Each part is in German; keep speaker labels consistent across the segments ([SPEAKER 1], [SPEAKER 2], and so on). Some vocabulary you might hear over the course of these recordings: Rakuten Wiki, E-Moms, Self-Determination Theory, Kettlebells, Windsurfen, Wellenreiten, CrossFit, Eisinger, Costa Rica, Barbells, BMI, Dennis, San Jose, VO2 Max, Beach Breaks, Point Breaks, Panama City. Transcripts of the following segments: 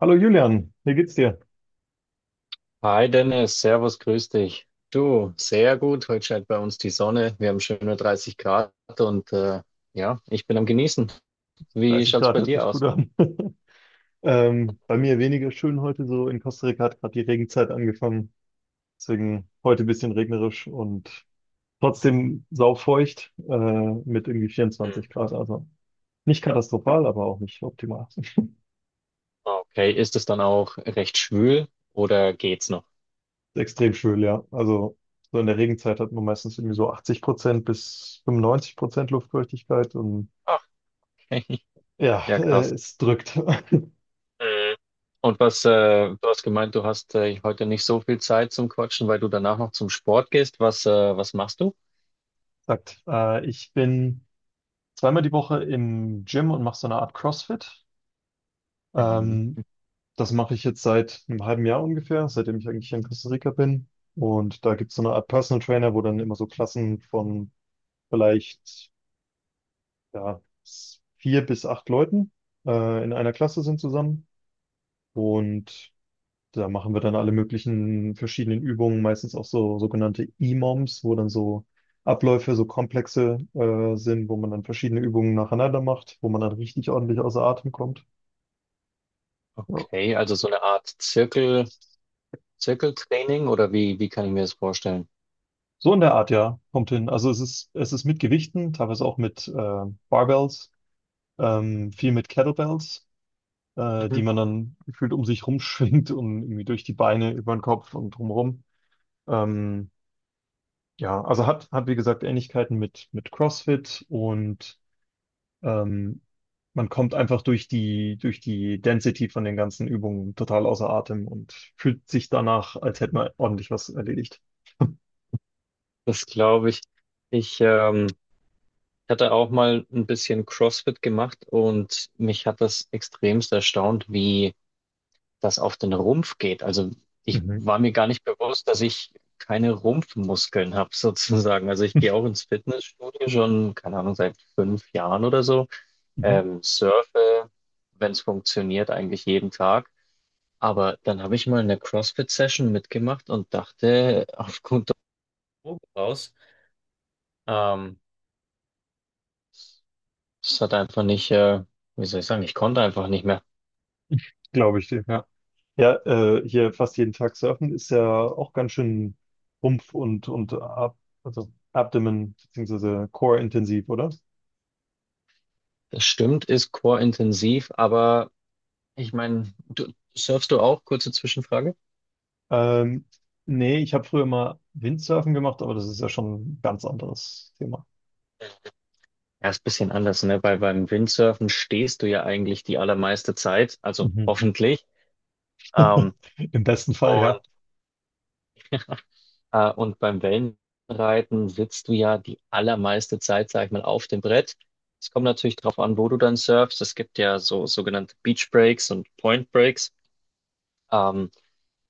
[SPEAKER 1] Hallo Julian, wie geht's dir?
[SPEAKER 2] Hi Dennis, Servus, grüß dich. Du, sehr gut. Heute scheint bei uns die Sonne. Wir haben schöne 30 Grad und ja, ich bin am Genießen. Wie
[SPEAKER 1] 30
[SPEAKER 2] schaut's
[SPEAKER 1] Grad
[SPEAKER 2] bei
[SPEAKER 1] hört sich
[SPEAKER 2] dir
[SPEAKER 1] gut
[SPEAKER 2] aus?
[SPEAKER 1] an. Bei mir weniger schön heute so. In Costa Rica hat gerade die Regenzeit angefangen. Deswegen heute ein bisschen regnerisch und trotzdem saufeucht mit irgendwie
[SPEAKER 2] Hm.
[SPEAKER 1] 24 Grad. Also nicht katastrophal, aber auch nicht optimal.
[SPEAKER 2] Okay, ist es dann auch recht schwül oder geht's noch?
[SPEAKER 1] Extrem schwül, ja. Also so in der Regenzeit hat man meistens irgendwie so 80% bis 95% Luftfeuchtigkeit und
[SPEAKER 2] Ach, okay,
[SPEAKER 1] ja,
[SPEAKER 2] ja krass.
[SPEAKER 1] es drückt.
[SPEAKER 2] Mhm. Und du hast gemeint, du hast heute nicht so viel Zeit zum Quatschen, weil du danach noch zum Sport gehst. Was machst du?
[SPEAKER 1] Ich bin zweimal die Woche im Gym und mache so eine Art CrossFit.
[SPEAKER 2] Mhm.
[SPEAKER 1] Ähm, Das mache ich jetzt seit einem halben Jahr ungefähr, seitdem ich eigentlich hier in Costa Rica bin. Und da gibt es so eine Art Personal Trainer, wo dann immer so Klassen von vielleicht ja, vier bis acht Leuten in einer Klasse sind zusammen. Und da machen wir dann alle möglichen verschiedenen Übungen, meistens auch so sogenannte E-Moms, wo dann so Abläufe, so komplexe sind, wo man dann verschiedene Übungen nacheinander macht, wo man dann richtig ordentlich außer Atem kommt. Ja.
[SPEAKER 2] Okay, also so eine Art Zirkel, Zirkeltraining oder wie kann ich mir das vorstellen?
[SPEAKER 1] So in der Art, ja, kommt hin. Also es ist mit Gewichten, teilweise auch mit Barbells, viel mit Kettlebells, die man dann gefühlt um sich rumschwingt und irgendwie durch die Beine, über den Kopf und drumherum. Ähm, ja, also hat wie gesagt Ähnlichkeiten mit CrossFit und Ähm, man kommt einfach durch die Density von den ganzen Übungen total außer Atem und fühlt sich danach, als hätte man ordentlich was erledigt.
[SPEAKER 2] Das glaube ich. Ich hatte auch mal ein bisschen CrossFit gemacht und mich hat das extremst erstaunt, wie das auf den Rumpf geht. Also ich
[SPEAKER 1] Mhm.
[SPEAKER 2] war mir gar nicht bewusst, dass ich keine Rumpfmuskeln habe, sozusagen. Also ich gehe auch ins Fitnessstudio schon, keine Ahnung, seit 5 Jahren oder so.
[SPEAKER 1] Mhm.
[SPEAKER 2] Surfe, wenn es funktioniert, eigentlich jeden Tag. Aber dann habe ich mal eine CrossFit-Session mitgemacht und dachte, auf gut Deutsch raus. Ähm, Es hat einfach nicht, wie soll ich sagen, ich konnte einfach nicht mehr.
[SPEAKER 1] Glaube ich dir. Ja. Ja, hier fast jeden Tag surfen ist ja auch ganz schön Rumpf und Ab also Abdomen beziehungsweise Core intensiv, oder?
[SPEAKER 2] Das stimmt, ist Core-intensiv, aber ich meine, du surfst du auch? Kurze Zwischenfrage.
[SPEAKER 1] Ähm, Nee, ich habe früher mal Windsurfen gemacht, aber das ist ja schon ein ganz anderes Thema.
[SPEAKER 2] Ja, ist ein bisschen anders, ne? Weil beim Windsurfen stehst du ja eigentlich die allermeiste Zeit, also
[SPEAKER 1] Mhm.
[SPEAKER 2] hoffentlich. Ähm,
[SPEAKER 1] Im besten Fall, ja.
[SPEAKER 2] und, und beim Wellenreiten sitzt du ja die allermeiste Zeit, sag ich mal, auf dem Brett. Es kommt natürlich drauf an, wo du dann surfst. Es gibt ja so sogenannte Beach Breaks und Point Breaks. Ähm,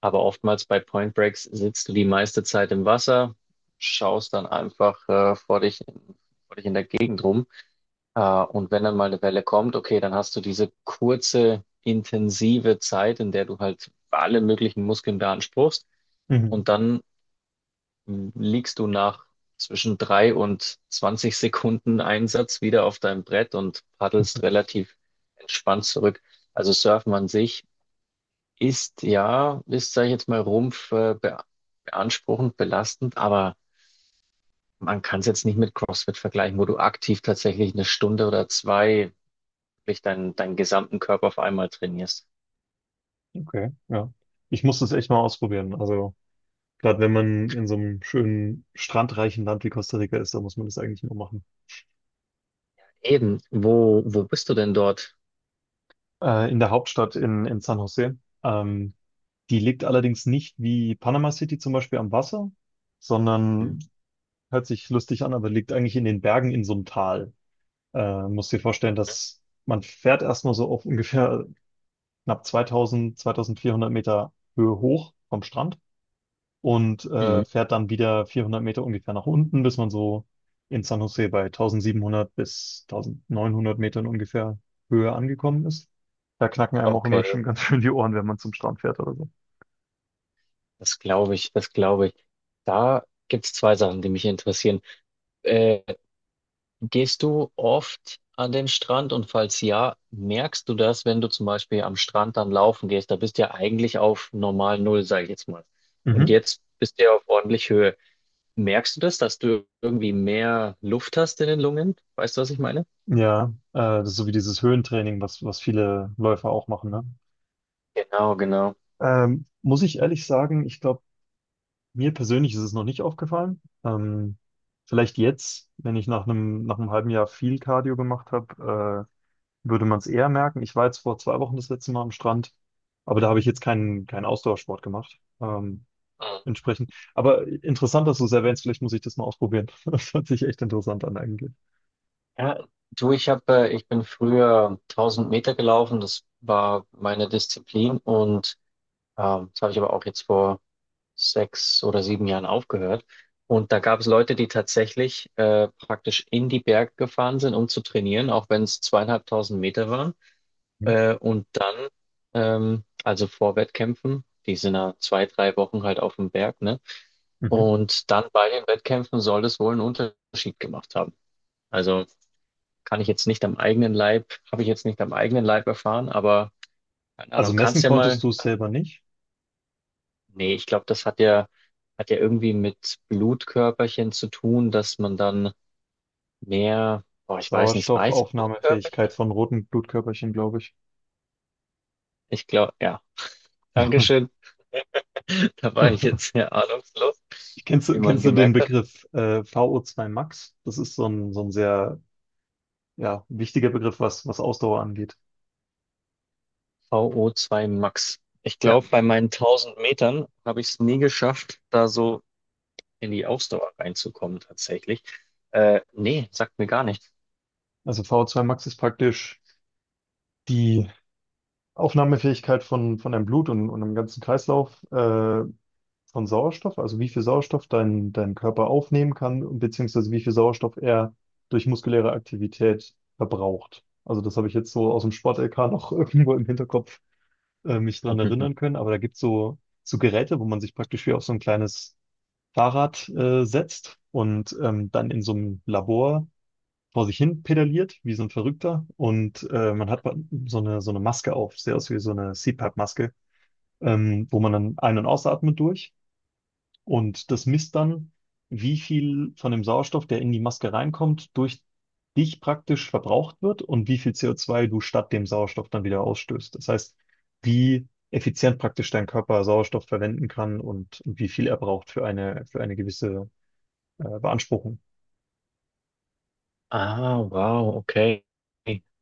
[SPEAKER 2] Aber oftmals bei Point Breaks sitzt du die meiste Zeit im Wasser, schaust dann einfach vor dich, vor dich in der Gegend rum. Und wenn dann mal eine Welle kommt, okay, dann hast du diese kurze, intensive Zeit, in der du halt alle möglichen Muskeln beanspruchst.
[SPEAKER 1] Mhm.
[SPEAKER 2] Und dann liegst du nach zwischen 3 und 20 Sekunden Einsatz wieder auf deinem Brett und paddelst relativ entspannt zurück. Also Surfen an sich ist ja, sag ich jetzt mal, Rumpf be beanspruchend, belastend, aber man kann es jetzt nicht mit CrossFit vergleichen, wo du aktiv tatsächlich eine Stunde oder zwei wirklich deinen gesamten Körper auf einmal trainierst.
[SPEAKER 1] Okay, ja. Ich muss das echt mal ausprobieren. Also, gerade wenn man in so einem schönen, strandreichen Land wie Costa Rica ist, da muss man das eigentlich nur machen.
[SPEAKER 2] Eben, wo bist du denn dort?
[SPEAKER 1] In der Hauptstadt in San Jose. Ähm, Die liegt allerdings nicht wie Panama City zum Beispiel am Wasser,
[SPEAKER 2] Mhm.
[SPEAKER 1] sondern hört sich lustig an, aber liegt eigentlich in den Bergen in so einem Tal. Muss dir vorstellen, dass man fährt erstmal so auf ungefähr knapp 2000, 2400 Meter Höhe hoch vom Strand. Und
[SPEAKER 2] Mhm.
[SPEAKER 1] fährt dann wieder 400 Meter ungefähr nach unten, bis man so in San Jose bei 1700 bis 1900 Metern ungefähr Höhe angekommen ist. Da knacken einem auch immer
[SPEAKER 2] Okay,
[SPEAKER 1] schon ganz schön die Ohren, wenn man zum Strand fährt oder so.
[SPEAKER 2] das glaube ich, das glaube ich. Da gibt's zwei Sachen, die mich interessieren. Äh, Gehst du oft an den Strand und falls ja, merkst du das, wenn du zum Beispiel am Strand dann laufen gehst? Da bist du ja eigentlich auf normal Null, sage ich jetzt mal. Und
[SPEAKER 1] Mhm.
[SPEAKER 2] jetzt bist du ja auf ordentlich Höhe. Merkst du das, dass du irgendwie mehr Luft hast in den Lungen? Weißt du, was ich meine?
[SPEAKER 1] Ja, das ist so wie dieses Höhentraining, was viele Läufer auch machen, ne?
[SPEAKER 2] Genau, genau.
[SPEAKER 1] Muss ich ehrlich sagen, ich glaube, mir persönlich ist es noch nicht aufgefallen. Vielleicht jetzt, wenn ich nach einem halben Jahr viel Cardio gemacht habe, würde man es eher merken. Ich war jetzt vor 2 Wochen das letzte Mal am Strand, aber da habe ich jetzt keinen Ausdauersport gemacht.
[SPEAKER 2] Mhm.
[SPEAKER 1] Entsprechend. Aber interessant, dass du es erwähnst. Vielleicht muss ich das mal ausprobieren. Das hört sich echt interessant an eigentlich.
[SPEAKER 2] Ja, du, ich bin früher 1000 Meter gelaufen, das war meine Disziplin und das habe ich aber auch jetzt vor 6 oder 7 Jahren aufgehört. Und da gab es Leute, die tatsächlich praktisch in die Berge gefahren sind, um zu trainieren, auch wenn es 2500 Meter waren.
[SPEAKER 1] Mhm.
[SPEAKER 2] Und dann, also vor Wettkämpfen, die sind ja 2, 3 Wochen halt auf dem Berg, ne?
[SPEAKER 1] Mhm.
[SPEAKER 2] Und dann bei den Wettkämpfen soll das wohl einen Unterschied gemacht haben. Also kann ich jetzt nicht am eigenen Leib, habe ich jetzt nicht am eigenen Leib erfahren, aber keine
[SPEAKER 1] Also
[SPEAKER 2] Ahnung, kannst
[SPEAKER 1] messen
[SPEAKER 2] ja mal.
[SPEAKER 1] konntest du es selber nicht.
[SPEAKER 2] Nee, ich glaube, das hat ja irgendwie mit Blutkörperchen zu tun, dass man dann mehr, boah, ich weiß nicht, weiße Blutkörperchen?
[SPEAKER 1] Sauerstoffaufnahmefähigkeit von roten Blutkörperchen, glaube ich.
[SPEAKER 2] Ich glaube, ja. Dankeschön. Da war ich jetzt sehr ahnungslos,
[SPEAKER 1] Kennst
[SPEAKER 2] wie
[SPEAKER 1] du,
[SPEAKER 2] man
[SPEAKER 1] kennst du den
[SPEAKER 2] gemerkt hat.
[SPEAKER 1] Begriff VO2 Max? Das ist so ein sehr ja, wichtiger Begriff, was Ausdauer angeht.
[SPEAKER 2] VO2 Max. Ich
[SPEAKER 1] Ja,
[SPEAKER 2] glaube, bei meinen 1000 Metern habe ich es nie geschafft, da so in die Ausdauer reinzukommen, tatsächlich. Nee, sagt mir gar nichts.
[SPEAKER 1] also VO2 Max ist praktisch die Aufnahmefähigkeit von deinem Blut und dem ganzen Kreislauf von Sauerstoff, also wie viel Sauerstoff dein Körper aufnehmen kann, und beziehungsweise wie viel Sauerstoff er durch muskuläre Aktivität verbraucht. Also das habe ich jetzt so aus dem Sport-LK noch irgendwo im Hinterkopf mich dran erinnern können, aber da gibt es so Geräte, wo man sich praktisch wie auf so ein kleines Fahrrad setzt und dann in so einem Labor vor sich hin pedaliert, wie so ein Verrückter. Und man hat so eine Maske auf, sehr aus wie so eine CPAP-Maske, wo man dann ein- und ausatmet durch. Und das misst dann, wie viel von dem Sauerstoff, der in die Maske reinkommt, durch dich praktisch verbraucht wird und wie viel CO2 du statt dem Sauerstoff dann wieder ausstößt. Das heißt, wie effizient praktisch dein Körper Sauerstoff verwenden kann und wie viel er braucht für eine gewisse Beanspruchung.
[SPEAKER 2] Ah, wow, okay.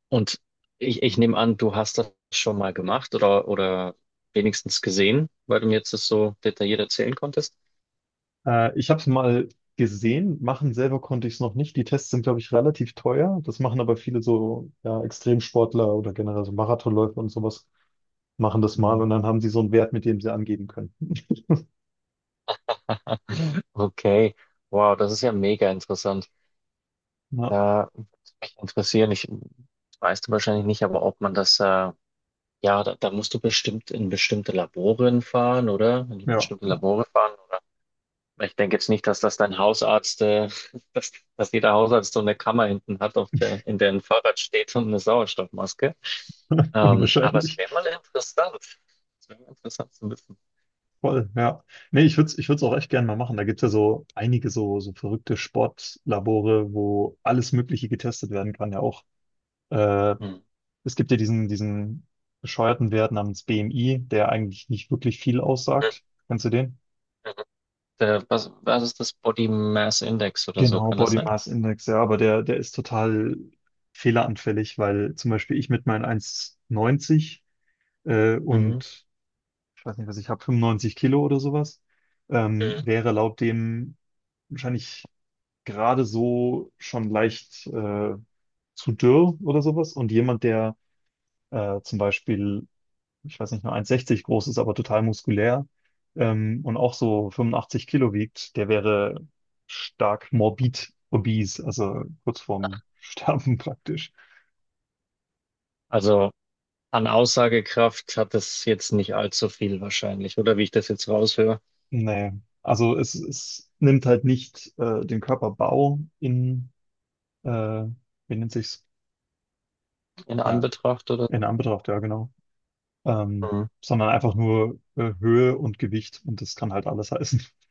[SPEAKER 2] Und ich nehme an, du hast das schon mal gemacht oder wenigstens gesehen, weil du mir jetzt das so detailliert erzählen konntest.
[SPEAKER 1] Ich habe es mal gesehen, machen selber konnte ich es noch nicht. Die Tests sind, glaube ich, relativ teuer. Das machen aber viele so ja, Extremsportler oder generell so Marathonläufer und sowas, machen das mal und dann
[SPEAKER 2] Mhm.
[SPEAKER 1] haben sie so einen Wert, mit dem sie angeben können.
[SPEAKER 2] Okay, wow, das ist ja mega interessant.
[SPEAKER 1] Ja,
[SPEAKER 2] Da würde mich interessieren, ich weißt du wahrscheinlich nicht, aber ob man das, ja, da musst du bestimmt in bestimmte Laboren fahren, oder? In
[SPEAKER 1] ja,
[SPEAKER 2] bestimmte
[SPEAKER 1] ja.
[SPEAKER 2] Labore fahren. Ich denke jetzt nicht, dass das dein Hausarzt, dass jeder Hausarzt so eine Kammer hinten hat, in der ein Fahrrad steht und eine Sauerstoffmaske. Aber es
[SPEAKER 1] Unwahrscheinlich.
[SPEAKER 2] wäre mal interessant. Es wäre mal interessant zu wissen.
[SPEAKER 1] Voll, ja. Nee, ich würde es auch echt gerne mal machen. Da gibt es ja so einige so verrückte Sportlabore, wo alles Mögliche getestet werden kann, ja auch. Äh,
[SPEAKER 2] Hm.
[SPEAKER 1] Es gibt ja diesen bescheuerten Wert namens BMI, der eigentlich nicht wirklich viel
[SPEAKER 2] Mhm.
[SPEAKER 1] aussagt. Kennst du den?
[SPEAKER 2] Mhm. Was ist das Body Mass Index oder so?
[SPEAKER 1] Genau,
[SPEAKER 2] Kann das
[SPEAKER 1] Body
[SPEAKER 2] sein?
[SPEAKER 1] Mass Index, ja, aber der ist total fehleranfällig, weil zum Beispiel ich mit meinen 1,90
[SPEAKER 2] Mhm.
[SPEAKER 1] und ich weiß nicht, was ich habe, 95 Kilo oder sowas,
[SPEAKER 2] Mhm.
[SPEAKER 1] wäre laut dem wahrscheinlich gerade so schon leicht zu dürr oder sowas. Und jemand, der zum Beispiel ich weiß nicht, nur 1,60 groß ist, aber total muskulär und auch so 85 Kilo wiegt, der wäre stark morbid obese, also kurz vorm Sterben praktisch.
[SPEAKER 2] Also an Aussagekraft hat es jetzt nicht allzu viel wahrscheinlich, oder wie ich das jetzt raushöre,
[SPEAKER 1] Nee, also es nimmt halt nicht den Körperbau in, äh, wie nennt sich's?
[SPEAKER 2] in
[SPEAKER 1] Ja,
[SPEAKER 2] Anbetracht oder?
[SPEAKER 1] in Anbetracht, ja genau. Ähm, Sondern einfach nur Höhe und Gewicht und das kann halt alles heißen.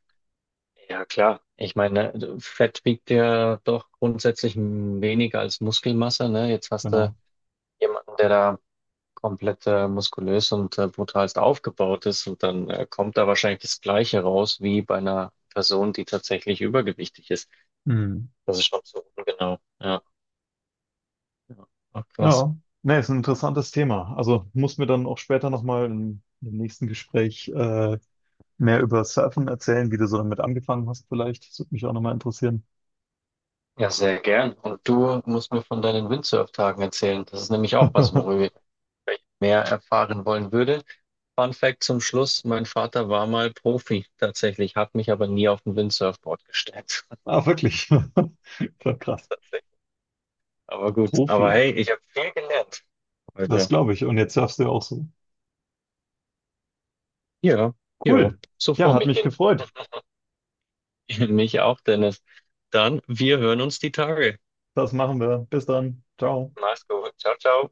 [SPEAKER 2] Ja, klar. Ich meine, Fett wiegt ja doch grundsätzlich weniger als Muskelmasse, ne? Jetzt hast du
[SPEAKER 1] Genau.
[SPEAKER 2] jemanden, der da komplett muskulös und brutalst aufgebaut ist und dann kommt da wahrscheinlich das Gleiche raus wie bei einer Person, die tatsächlich übergewichtig ist.
[SPEAKER 1] Hm.
[SPEAKER 2] Das ist schon so ungenau. Ja. Ja, ach, krass.
[SPEAKER 1] Ja, ne, ist ein interessantes Thema. Also muss mir dann auch später nochmal im nächsten Gespräch mehr über Surfen erzählen, wie du so damit angefangen hast vielleicht. Das würde mich auch nochmal interessieren.
[SPEAKER 2] Ja, sehr gern. Und du musst mir von deinen Windsurf-Tagen erzählen. Das ist nämlich auch was, worüber ich mehr erfahren wollen würde. Fun Fact zum Schluss, mein Vater war mal Profi tatsächlich, hat mich aber nie auf ein Windsurfboard gestellt.
[SPEAKER 1] Ah, wirklich. Voll krass.
[SPEAKER 2] Tatsächlich. Aber gut,
[SPEAKER 1] Profi.
[SPEAKER 2] aber hey, ich habe viel gelernt
[SPEAKER 1] Das
[SPEAKER 2] heute.
[SPEAKER 1] glaube ich. Und jetzt surfst du ja auch so.
[SPEAKER 2] Ja, ja,
[SPEAKER 1] Cool.
[SPEAKER 2] so
[SPEAKER 1] Ja,
[SPEAKER 2] vor
[SPEAKER 1] hat
[SPEAKER 2] mich
[SPEAKER 1] mich
[SPEAKER 2] hin.
[SPEAKER 1] gefreut.
[SPEAKER 2] Mich auch, Dennis. Dann, wir hören uns die Tage.
[SPEAKER 1] Das machen wir. Bis dann. Ciao.
[SPEAKER 2] Mach's gut. Ciao, ciao.